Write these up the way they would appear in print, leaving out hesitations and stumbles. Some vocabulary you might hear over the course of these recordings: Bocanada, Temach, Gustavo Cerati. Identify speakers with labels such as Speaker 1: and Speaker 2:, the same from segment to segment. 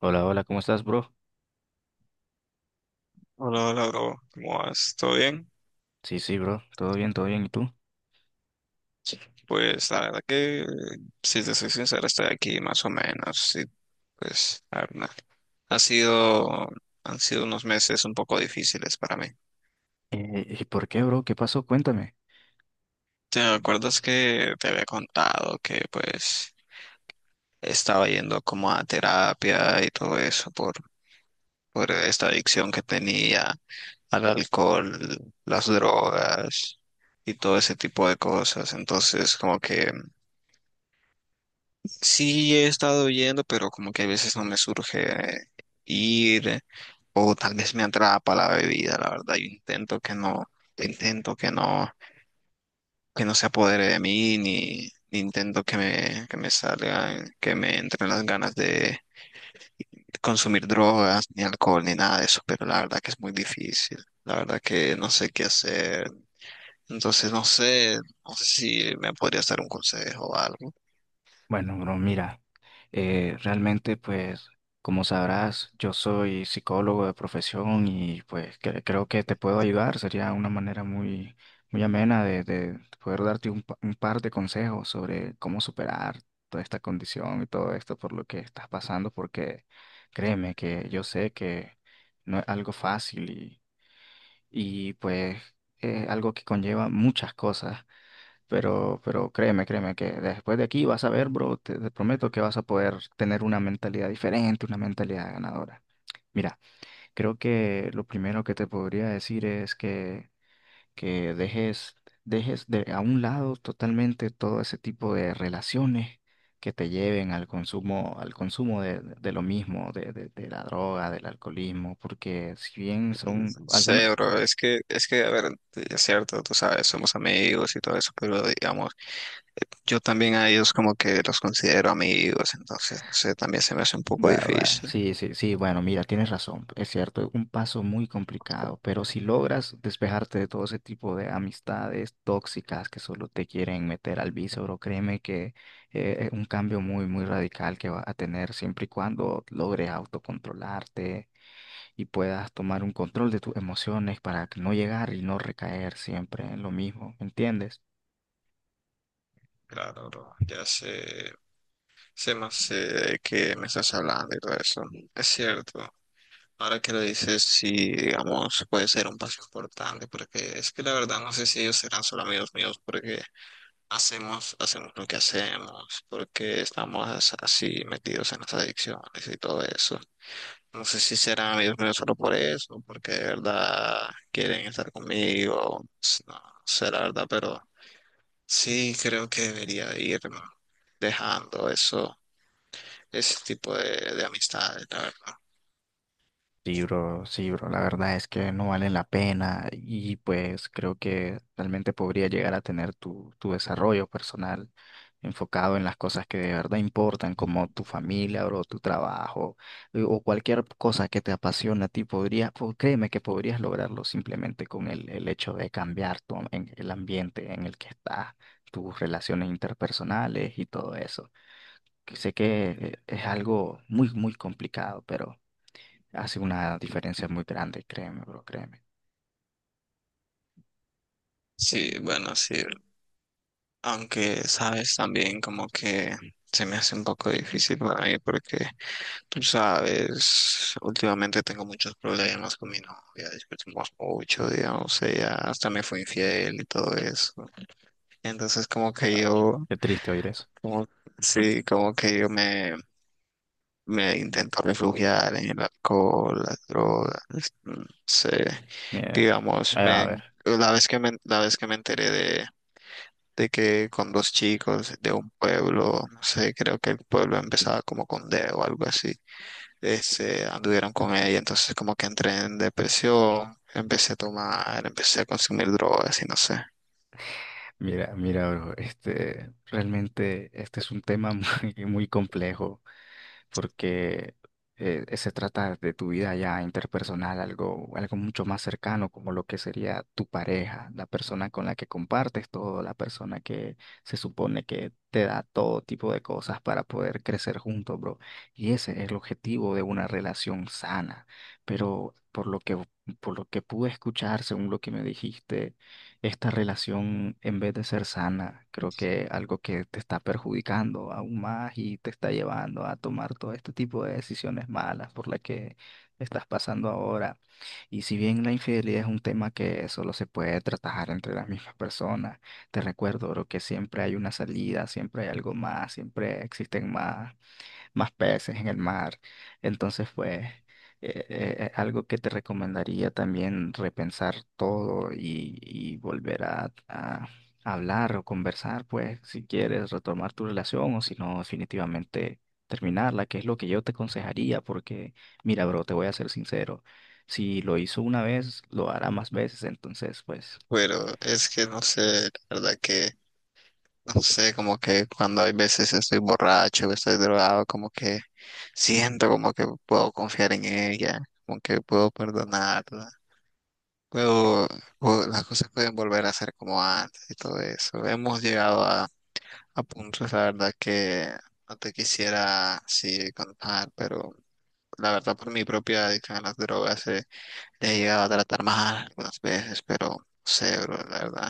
Speaker 1: Hola, hola, ¿cómo estás, bro?
Speaker 2: Hola, hola, bro. ¿Cómo vas? ¿Todo bien?
Speaker 1: Sí, sí, bro, todo bien, ¿y tú?
Speaker 2: Pues la verdad que, si te soy sincero, estoy aquí más o menos. Sí, pues, la verdad, ha sido, han sido unos meses un poco difíciles para mí.
Speaker 1: ¿Y por qué, bro? ¿Qué pasó? Cuéntame.
Speaker 2: ¿Te acuerdas que te había contado que pues estaba yendo como a terapia y todo eso por esta adicción que tenía al alcohol, las drogas y todo ese tipo de cosas? Entonces, como que sí, he estado yendo, pero como que a veces no me surge ir o tal vez me atrapa la bebida, la verdad. Yo intento que no se apodere de mí, ni, ni intento que me salgan, que me entren las ganas de consumir drogas, ni alcohol, ni nada de eso, pero la verdad que es muy difícil. La verdad que no sé qué hacer. Entonces no sé, no sé si me podría dar un consejo o algo.
Speaker 1: Bueno, bro, mira, realmente, pues, como sabrás, yo soy psicólogo de profesión y, pues, creo que te puedo ayudar. Sería una manera muy, muy amena de poder darte un, un par de consejos sobre cómo superar toda esta condición y todo esto por lo que estás pasando, porque créeme que yo sé que no es algo fácil y pues algo que conlleva muchas cosas, pero créeme, créeme que después de aquí vas a ver, bro, te prometo que vas a poder tener una mentalidad diferente, una mentalidad ganadora. Mira, creo que lo primero que te podría decir es que dejes, dejes de a un lado totalmente todo ese tipo de relaciones que te lleven al consumo de lo mismo, de la droga, del alcoholismo, porque si bien
Speaker 2: No
Speaker 1: son algunas.
Speaker 2: sé, bro, es que, a ver, es cierto, tú sabes, somos amigos y todo eso, pero digamos, yo también a ellos como que los considero amigos, entonces, no sé, también se me hace un poco
Speaker 1: Bueno, bueno,
Speaker 2: difícil.
Speaker 1: sí, sí, sí, bueno, mira, tienes razón, es cierto, es un paso muy complicado, pero si logras despejarte de todo ese tipo de amistades tóxicas que solo te quieren meter al bíceps, créeme que es un cambio muy, muy radical que vas a tener siempre y cuando logres autocontrolarte y puedas tomar un control de tus emociones para que no llegar y no recaer siempre en lo mismo, ¿entiendes?
Speaker 2: Claro, bro. Ya sé, sé más sé de qué me estás hablando y todo eso. Es cierto. Ahora que lo dices, sí, digamos, puede ser un paso importante, porque es que la verdad no sé si ellos serán solo amigos míos, porque hacemos lo que hacemos porque estamos así metidos en las adicciones y todo eso. No sé si serán amigos míos solo por eso, porque de verdad quieren estar conmigo. No sé la verdad, pero sí creo que debería de ir dejando eso, ese tipo de amistades, la verdad.
Speaker 1: Sí, bro, la verdad es que no vale la pena y pues creo que realmente podría llegar a tener tu, tu desarrollo personal enfocado en las cosas que de verdad importan, como tu familia, bro, tu trabajo, o cualquier cosa que te apasiona a ti, podría, créeme que podrías lograrlo simplemente con el hecho de cambiar tu, el ambiente en el que estás, tus relaciones interpersonales y todo eso. Que sé que es algo muy, muy complicado, pero… Hace una diferencia muy grande, créeme, bro, créeme.
Speaker 2: Sí, bueno, sí. Aunque, sabes, también como que se me hace un poco difícil para mí porque tú sabes, últimamente tengo muchos problemas con mi novia, discutimos mucho, digamos, ella hasta me fue infiel y todo eso. Entonces como que yo,
Speaker 1: Qué triste oír eso.
Speaker 2: como, sí, como que yo me, me intento refugiar en el alcohol, las drogas, sí,
Speaker 1: Mira,
Speaker 2: digamos,
Speaker 1: ahí va a
Speaker 2: me,
Speaker 1: ver.
Speaker 2: la vez que me enteré de que con dos chicos de un pueblo, no sé, creo que el pueblo empezaba como con D o algo así, este, anduvieron con ella, entonces como que entré en depresión, empecé a tomar, empecé a consumir drogas y no sé.
Speaker 1: Mira, mira, bro, este, realmente este es un tema muy, muy complejo porque se trata de tu vida ya interpersonal, algo, algo mucho más cercano como lo que sería tu pareja, la persona con la que compartes todo, la persona que se supone que te da todo tipo de cosas para poder crecer juntos, bro. Y ese es el objetivo de una relación sana. Pero por lo que pude escuchar, según lo que me dijiste, esta relación, en vez de ser sana, creo que algo que te está perjudicando aún más y te está llevando a tomar todo este tipo de decisiones malas por las que estás pasando ahora. Y si bien la infidelidad es un tema que solo se puede tratar entre las mismas personas, te recuerdo, bro, que siempre hay una salida, siempre hay algo más, siempre existen más más peces en el mar. Entonces, pues, algo que te recomendaría también repensar todo y volver a hablar o conversar, pues, si quieres retomar tu relación o si no, definitivamente terminarla, que es lo que yo te aconsejaría, porque, mira, bro, te voy a ser sincero, si lo hizo una vez, lo hará más veces, entonces, pues…
Speaker 2: Pero es que no sé, la verdad que no sé, como que cuando hay veces estoy borracho, estoy drogado, como que siento como que puedo confiar en ella, como que puedo perdonarla, puedo, puedo- las cosas pueden volver a ser como antes y todo eso. Hemos llegado a puntos, la verdad, que no te quisiera así contar, pero la verdad por mi propia adicción a las drogas le he llegado a tratar mal algunas veces, pero no sé, bro, la verdad.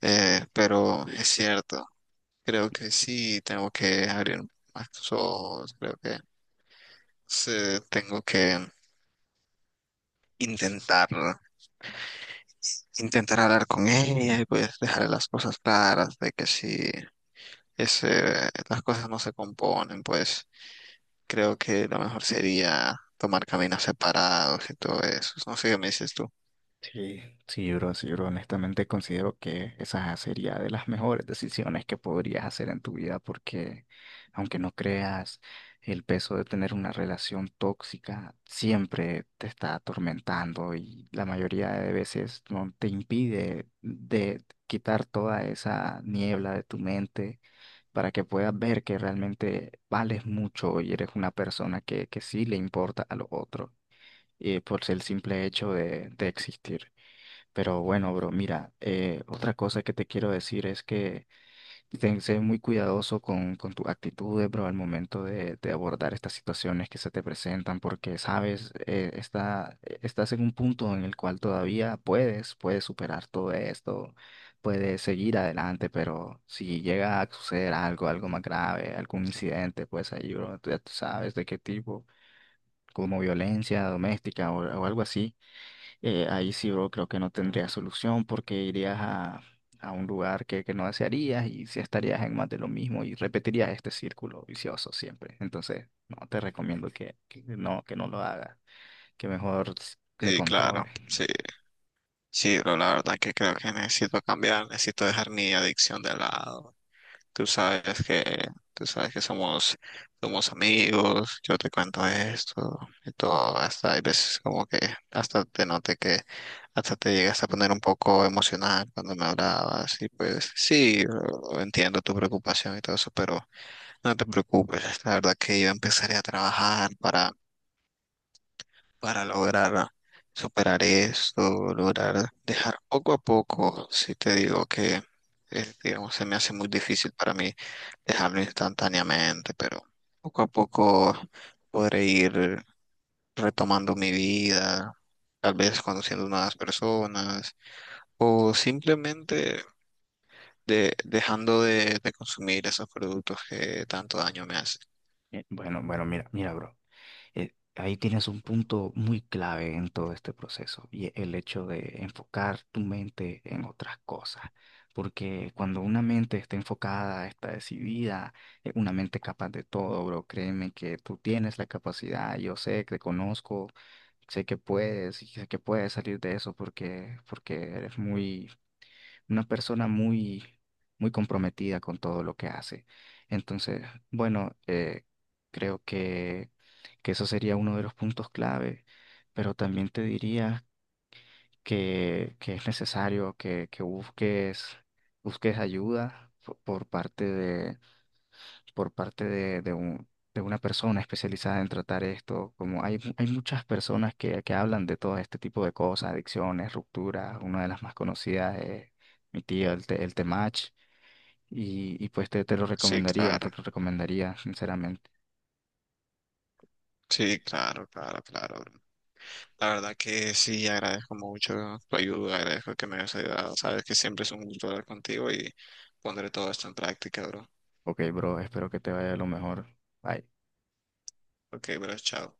Speaker 2: Pero es cierto. Creo que sí, tengo que abrir más los ojos, creo que sí, tengo que intentar, intentar hablar con ella y pues dejarle las cosas claras de que si ese, las cosas no se componen, pues creo que lo mejor sería tomar caminos separados y todo eso. No sé qué me dices tú.
Speaker 1: Sí, sí, bro, sí, bro. Honestamente considero que esa sería de las mejores decisiones que podrías hacer en tu vida porque aunque no creas, el peso de tener una relación tóxica siempre te está atormentando y la mayoría de veces no te impide de quitar toda esa niebla de tu mente para que puedas ver que realmente vales mucho y eres una persona que sí le importa a los otros, por el simple hecho de existir. Pero bueno, bro, mira, otra cosa que te quiero decir es que ten, sé muy cuidadoso con tus actitudes, bro, al momento de abordar estas situaciones que se te presentan, porque, sabes, estás en un punto en el cual todavía puedes, puedes superar todo esto, puedes seguir adelante, pero si llega a suceder algo, algo más grave, algún incidente, pues ahí, bro, tú ya tú sabes de qué tipo, como violencia doméstica o algo así, ahí sí, bro, creo que no tendría solución porque irías a un lugar que no desearías y sí estarías en más de lo mismo y repetirías este círculo vicioso siempre. Entonces, no, te recomiendo que no lo hagas, que mejor te
Speaker 2: Sí, claro,
Speaker 1: controles.
Speaker 2: sí, sí, pero la verdad que creo que necesito cambiar, necesito dejar mi adicción de lado. Tú sabes que, tú sabes que somos, somos amigos, yo te cuento esto y todo, hasta hay veces como que hasta te noté que hasta te llegas a poner un poco emocional cuando me hablabas y pues sí, entiendo tu preocupación y todo eso, pero no te preocupes, la verdad que yo empezaré a trabajar para lograr superar esto, lograr dejar poco a poco, si te digo que, digamos, se me hace muy difícil para mí dejarlo instantáneamente, pero poco a poco podré ir retomando mi vida, tal vez conociendo nuevas personas o simplemente dejando de consumir esos productos que tanto daño me hacen.
Speaker 1: Bueno, bueno, mira, mira, bro. Eh, ahí tienes un punto muy clave en todo este proceso y el hecho de enfocar tu mente en otras cosas. Porque cuando una mente está enfocada, está decidida, una mente capaz de todo, bro, créeme que tú tienes la capacidad, yo sé que te conozco, sé que puedes y sé que puedes salir de eso porque, porque eres muy, una persona muy, muy comprometida con todo lo que hace. Entonces, bueno, creo que eso sería uno de los puntos clave, pero también te diría que es necesario que busques, busques ayuda por parte de, de una persona especializada en tratar esto. Como hay, hay muchas personas que hablan de todo este tipo de cosas, adicciones, rupturas. Una de las más conocidas es mi tío, el, el Temach. Y pues te,
Speaker 2: Sí,
Speaker 1: te
Speaker 2: claro,
Speaker 1: lo recomendaría, sinceramente.
Speaker 2: sí, claro, claro, claro. La verdad que sí, agradezco mucho tu ayuda, agradezco que me hayas ayudado. Sabes que siempre es un gusto hablar contigo y pondré todo esto en práctica, bro.
Speaker 1: Ok, bro, espero que te vaya lo mejor. Bye.
Speaker 2: Ok, bro, chao.